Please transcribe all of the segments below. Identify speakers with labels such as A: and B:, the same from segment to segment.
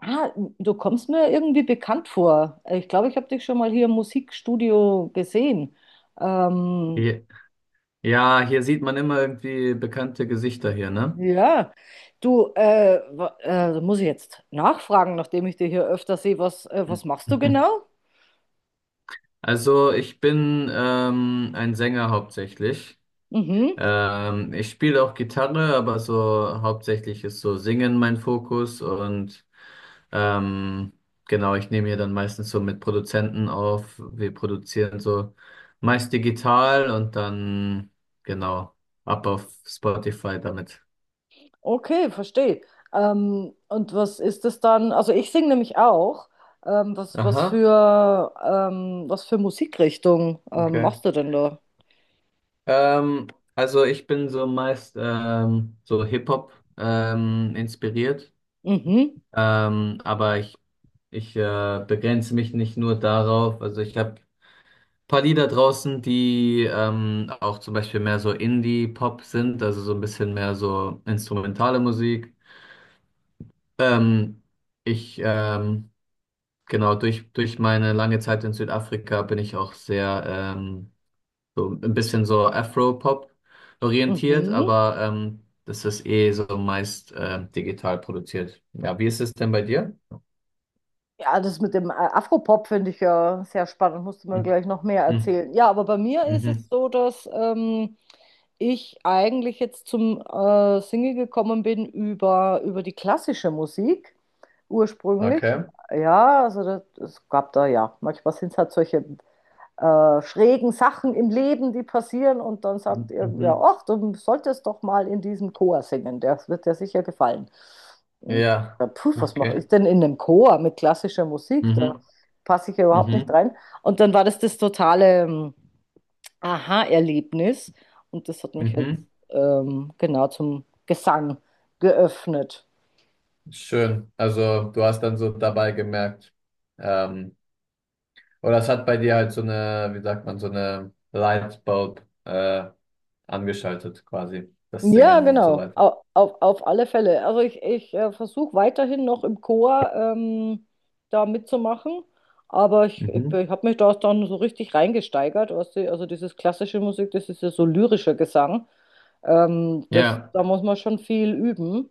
A: Ah, du kommst mir irgendwie bekannt vor. Ich glaube, ich habe dich schon mal hier im Musikstudio gesehen. Ähm,
B: Je- Ja, hier sieht man immer irgendwie bekannte Gesichter hier, ne?
A: ja, du, da muss ich jetzt nachfragen, nachdem ich dich hier öfter sehe, was machst du
B: Mhm.
A: genau?
B: Also ich bin ein Sänger hauptsächlich.
A: Mhm,
B: Ich spiele auch Gitarre, aber so hauptsächlich ist so Singen mein Fokus und ähm, genau, ich nehme hier dann meistens so mit Produzenten auf. Wir produzieren so meist digital und dann genau ab auf Spotify damit.
A: okay, verstehe. Und was ist das dann? Also ich singe nämlich auch.
B: Aha,
A: Was für Musikrichtung
B: okay.
A: machst du denn da?
B: Ähm, also ich bin so meist so Hip-Hop inspiriert,
A: Mhm,
B: aber ich begrenze mich nicht nur darauf. Also ich habe paar Lieder draußen, die auch zum Beispiel mehr so Indie-Pop sind, also so ein bisschen mehr so instrumentale Musik. Ähm, ich, ähm, genau, durch meine lange Zeit in Südafrika bin ich auch sehr so ein bisschen so Afro-Pop orientiert,
A: mhm.
B: aber das ist eh so meist digital produziert. Ja, wie ist es denn bei dir?
A: Ja, das mit dem Afropop finde ich ja sehr spannend, musst du mir gleich noch mehr
B: Mhm.
A: erzählen. Ja, aber bei mir ist es
B: Mhm.
A: so, dass ich eigentlich jetzt zum Single gekommen bin über die klassische Musik ursprünglich.
B: Okay.
A: Ja, also das, es gab da ja, manchmal sind es halt solche schrägen Sachen im Leben, die passieren. Und dann sagt irgendwer,
B: Mhm.
A: ach, du solltest doch mal in diesem Chor singen, der wird dir sicher gefallen. Und
B: Ja,
A: ja, puh, was mache
B: okay.
A: ich denn in einem Chor mit klassischer Musik? Da
B: Mhm.
A: passe ich ja überhaupt nicht
B: Mhm.
A: rein. Und dann war das das totale Aha-Erlebnis. Und das hat mich jetzt
B: Mhm.
A: ähm, genau zum Gesang geöffnet.
B: Schön. Also du hast dann so dabei gemerkt, ähm, oder es hat bei dir halt so eine, wie sagt man, so eine Lightbulb angeschaltet quasi, das
A: Ja,
B: Singen und so
A: genau.
B: weiter.
A: Auf alle Fälle. Also ich versuche weiterhin noch im Chor da mitzumachen, aber
B: Mhm.
A: ich habe mich da dann so richtig reingesteigert. Weißt du? Also dieses klassische Musik, das ist ja so lyrischer Gesang. Das,
B: Ja.
A: da muss man schon viel üben.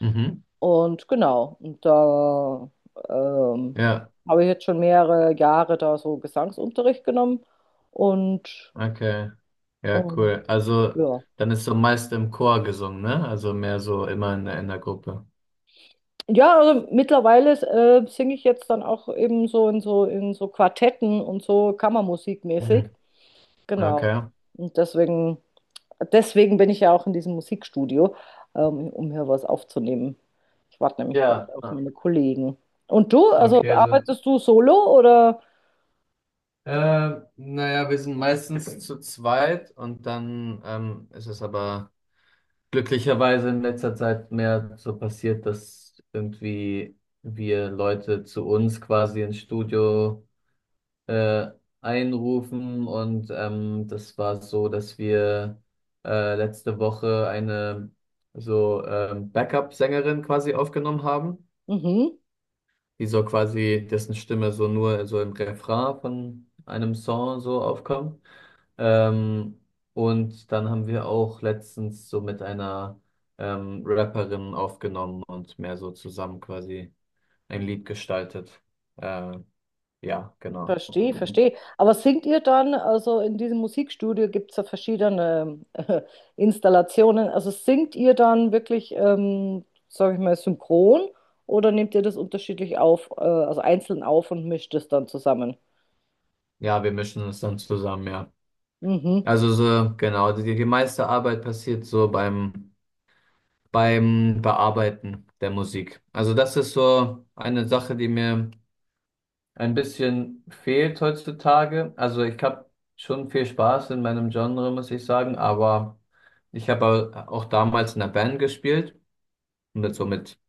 B: Mhm.
A: Und genau, und da ähm,
B: Ja.
A: habe ich jetzt schon mehrere Jahre da so Gesangsunterricht genommen und,
B: Okay. Ja,
A: und
B: cool. Also,
A: ja.
B: dann ist so meist im Chor gesungen, ne? Also mehr so immer in in der Gruppe.
A: Ja, also mittlerweile singe ich jetzt dann auch eben so in so Quartetten und so Kammermusikmäßig.
B: Mhm.
A: Genau.
B: Okay.
A: Und deswegen bin ich ja auch in diesem Musikstudio, um hier was aufzunehmen. Ich warte nämlich gerade
B: Ja,
A: auf
B: ah,
A: meine Kollegen. Und du, also
B: okay, also,
A: arbeitest du solo oder?
B: naja, wir sind meistens zu zweit und dann ist es aber glücklicherweise in letzter Zeit mehr so passiert, dass irgendwie wir Leute zu uns quasi ins Studio äh, einrufen. Und das war so, dass wir letzte Woche eine so Backup-Sängerin quasi aufgenommen haben,
A: Mhm.
B: die so quasi, dessen Stimme so nur so im Refrain von einem Song so aufkommt. Ähm, und dann haben wir auch letztens so mit einer Rapperin aufgenommen und mehr so zusammen quasi ein Lied gestaltet. Äh, ja, genau.
A: Verstehe, verstehe. Aber singt ihr dann, also in diesem Musikstudio gibt es ja verschiedene Installationen, also singt ihr dann wirklich, sage ich mal, synchron oder nehmt ihr das unterschiedlich auf, also einzeln auf und mischt es dann zusammen?
B: Ja, wir mischen es dann zusammen, ja.
A: Mhm,
B: Also so, genau, die meiste Arbeit passiert so beim, beim Bearbeiten der Musik. Also das ist so eine Sache, die mir ein bisschen fehlt heutzutage. Also ich habe schon viel Spaß in meinem Genre, muss ich sagen, aber ich habe auch damals in der Band gespielt, mit so mit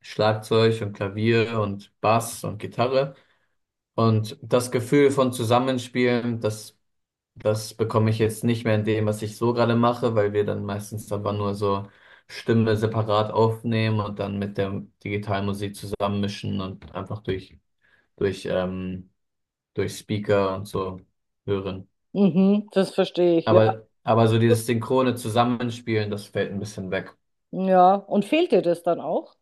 B: Schlagzeug und Klavier und Bass und Gitarre. Und das Gefühl von Zusammenspielen, das bekomme ich jetzt nicht mehr in dem, was ich so gerade mache, weil wir dann meistens aber nur so Stimme separat aufnehmen und dann mit der digitalen Musik zusammenmischen und einfach durch durch Speaker und so hören.
A: mhm, das verstehe ich, ja.
B: Aber so
A: Gut.
B: dieses synchrone Zusammenspielen, das fällt ein bisschen weg.
A: Ja, und fehlt dir das dann auch?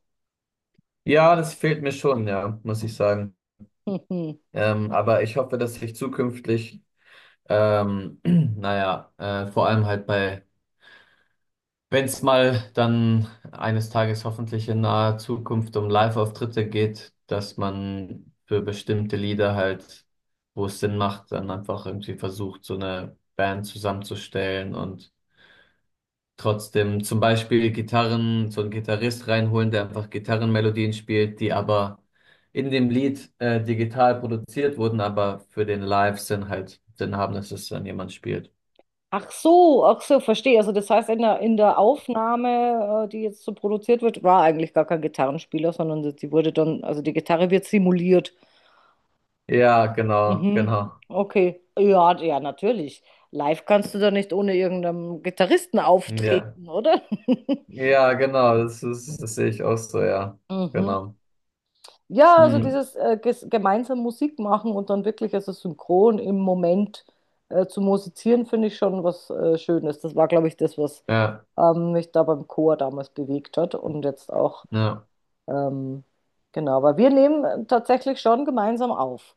B: Ja, das fehlt mir schon, ja, muss ich sagen. Aber ich hoffe, dass ich zukünftig, ähm, naja, vor allem halt bei wenn es mal dann eines Tages hoffentlich in naher Zukunft um Live-Auftritte geht, dass man für bestimmte Lieder halt, wo es Sinn macht, dann einfach irgendwie versucht, so eine Band zusammenzustellen und trotzdem zum Beispiel Gitarren, so einen Gitarrist reinholen, der einfach Gitarrenmelodien spielt, die aber in dem Lied digital produziert wurden, aber für den Live-Sinn halt Sinn haben, dass es dann jemand spielt.
A: Ach so, verstehe. Also das heißt, in in der Aufnahme, die jetzt so produziert wird, war eigentlich gar kein Gitarrenspieler, sondern sie die wurde dann, also die Gitarre wird simuliert.
B: Ja, genau,
A: Mhm.
B: genau.
A: Okay. Ja, ja, natürlich. Live kannst du da nicht ohne irgendeinen Gitarristen
B: Ja.
A: auftreten, oder?
B: Ja, genau, das ist, das sehe ich auch so, ja.
A: Mhm.
B: Genau.
A: Ja, also
B: Hm,
A: dieses ges gemeinsam Musik machen und dann wirklich also synchron im Moment zu musizieren, finde ich schon was Schönes. Das war, glaube ich, das, was
B: ja,
A: ähm, mich da beim Chor damals bewegt hat und jetzt auch,
B: ja,
A: ähm, genau, aber wir nehmen tatsächlich schon gemeinsam auf.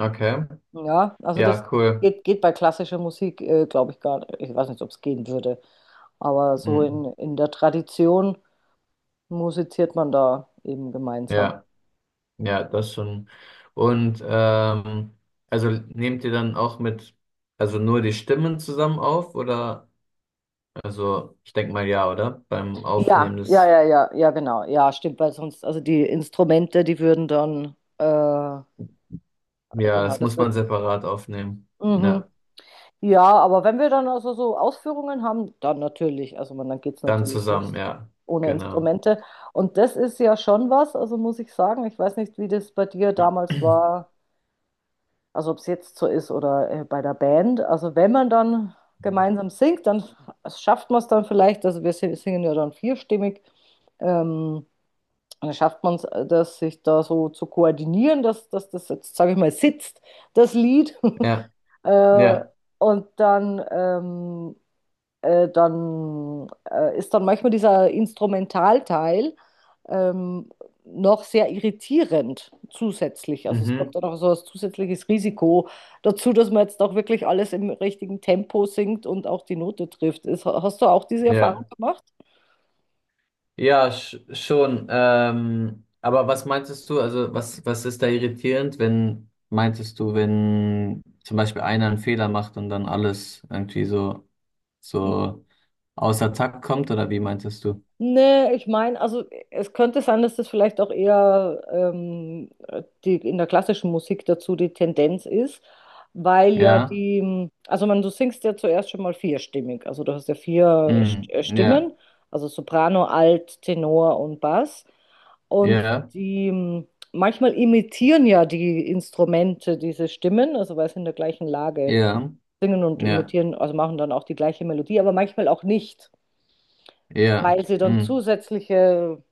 B: okay.
A: Ja, also
B: Ja,
A: das
B: cool.
A: geht, geht bei klassischer Musik, glaube ich, gar nicht. Ich weiß nicht, ob es gehen würde, aber so
B: Hm,
A: in der Tradition musiziert man da eben gemeinsam.
B: ja, ja, das schon. Und also nehmt ihr dann auch mit, also nur die Stimmen zusammen auf oder? Also, ich denke mal ja, oder? Beim
A: Ja,
B: Aufnehmen
A: ja,
B: des,
A: ja, ja, ja, genau. Ja, stimmt, weil sonst, also die Instrumente, die würden dann,
B: ja,
A: genau,
B: das
A: das
B: muss
A: wird.
B: man separat aufnehmen. Ja,
A: Mhm. Ja, aber wenn wir dann also so Ausführungen haben, dann natürlich. Also man, dann geht es
B: dann
A: natürlich
B: zusammen,
A: nicht
B: ja,
A: ohne
B: genau.
A: Instrumente. Und das ist ja schon was, also muss ich sagen. Ich weiß nicht, wie das bei dir damals war, also ob es jetzt so ist oder bei der Band. Also wenn man dann gemeinsam singt, dann schafft man es dann vielleicht, also wir si- singen ja dann vierstimmig, ähm, dann schafft man es, das sich da so zu koordinieren, dass das jetzt, sage ich mal, sitzt, das Lied.
B: Ja,
A: äh,
B: ja,
A: und dann ist dann manchmal dieser Instrumentalteil ähm, noch sehr irritierend zusätzlich. Also es kommt
B: mhm,
A: dann auch so ein zusätzliches Risiko dazu, dass man jetzt auch wirklich alles im richtigen Tempo singt und auch die Note trifft. Ist, hast du auch diese Erfahrung
B: ja.
A: gemacht?
B: Ja, schon. Aber was meintest du, also was, was ist da irritierend, wenn, meintest du, wenn zum Beispiel einer einen Fehler macht und dann alles irgendwie so,
A: Hm.
B: so außer Takt kommt, oder wie meintest du?
A: Nee, ich meine, also es könnte sein, dass das vielleicht auch eher die, in der klassischen Musik dazu die Tendenz ist, weil ja
B: Ja,
A: die, also man, du singst ja zuerst schon mal vierstimmig, also du hast ja vier
B: mm,
A: Stimmen,
B: ja,
A: also Soprano, Alt, Tenor und Bass. Und
B: ja,
A: die, manchmal imitieren ja die Instrumente diese Stimmen, also weil sie in der gleichen Lage
B: ja,
A: singen und
B: ja,
A: imitieren, also machen dann auch die gleiche Melodie, aber manchmal auch nicht,
B: ja,
A: weil sie dann
B: mm,
A: zusätzliche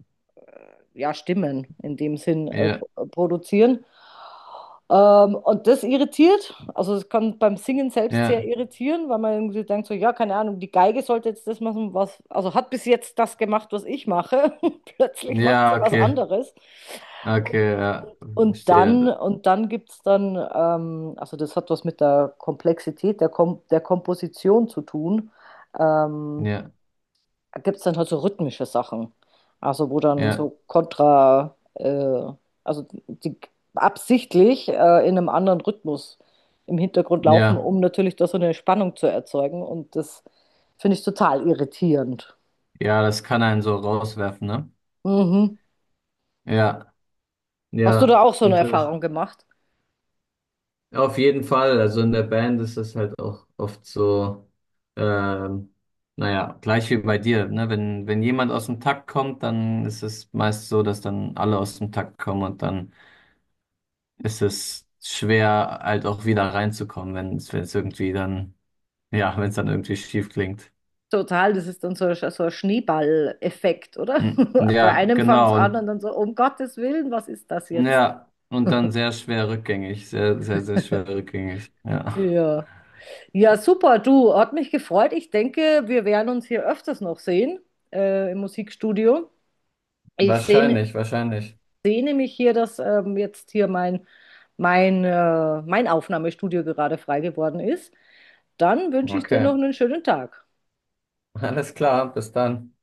A: ja, Stimmen in dem Sinn äh,
B: ja,
A: pro- produzieren. Und das irritiert, also es kann beim Singen selbst sehr
B: ja,
A: irritieren, weil man irgendwie denkt so, ja, keine Ahnung, die Geige sollte jetzt das machen, was, also hat bis jetzt das gemacht, was ich mache, plötzlich macht sie
B: ja,
A: was
B: okay,
A: anderes. Und,
B: okay, ja, verstehe,
A: und dann gibt es dann, also das hat was mit der Komplexität der, Kom der Komposition zu tun. Ähm,
B: ja,
A: gibt es dann halt so rhythmische Sachen. Also wo dann
B: ja,
A: so kontra, also die absichtlich in einem anderen Rhythmus im Hintergrund laufen,
B: ja,
A: um natürlich da so eine Spannung zu erzeugen. Und das finde ich total irritierend.
B: ja, das kann einen so rauswerfen, ne?
A: Mhm.
B: Ja,
A: Hast du da
B: ja,
A: auch so eine
B: interessant.
A: Erfahrung gemacht?
B: Ja, auf jeden Fall. Also in der Band ist das halt auch oft so, ähm, naja, gleich wie bei dir, ne? Wenn jemand aus dem Takt kommt, dann ist es meist so, dass dann alle aus dem Takt kommen und dann ist es schwer, halt auch wieder reinzukommen, wenn es, ja, wenn es dann irgendwie schief klingt.
A: Total, das ist dann so, so ein Schneeball-Effekt, oder?
B: Mm,
A: Bei
B: ja,
A: einem fängt es
B: genau.
A: an
B: Und
A: und dann so, um Gottes Willen, was ist das jetzt?
B: ja, und dann sehr schwer rückgängig. Sehr, sehr, sehr schwer rückgängig. Ja.
A: Ja. Ja, super, du, hat mich gefreut. Ich denke, wir werden uns hier öfters noch sehen, im Musikstudio. Ich sehne,
B: Wahrscheinlich,
A: ich
B: wahrscheinlich.
A: sehne mich hier, dass jetzt hier mein Aufnahmestudio gerade frei geworden ist. Dann wünsche ich dir
B: Okay.
A: noch einen schönen Tag.
B: Alles klar, bis dann.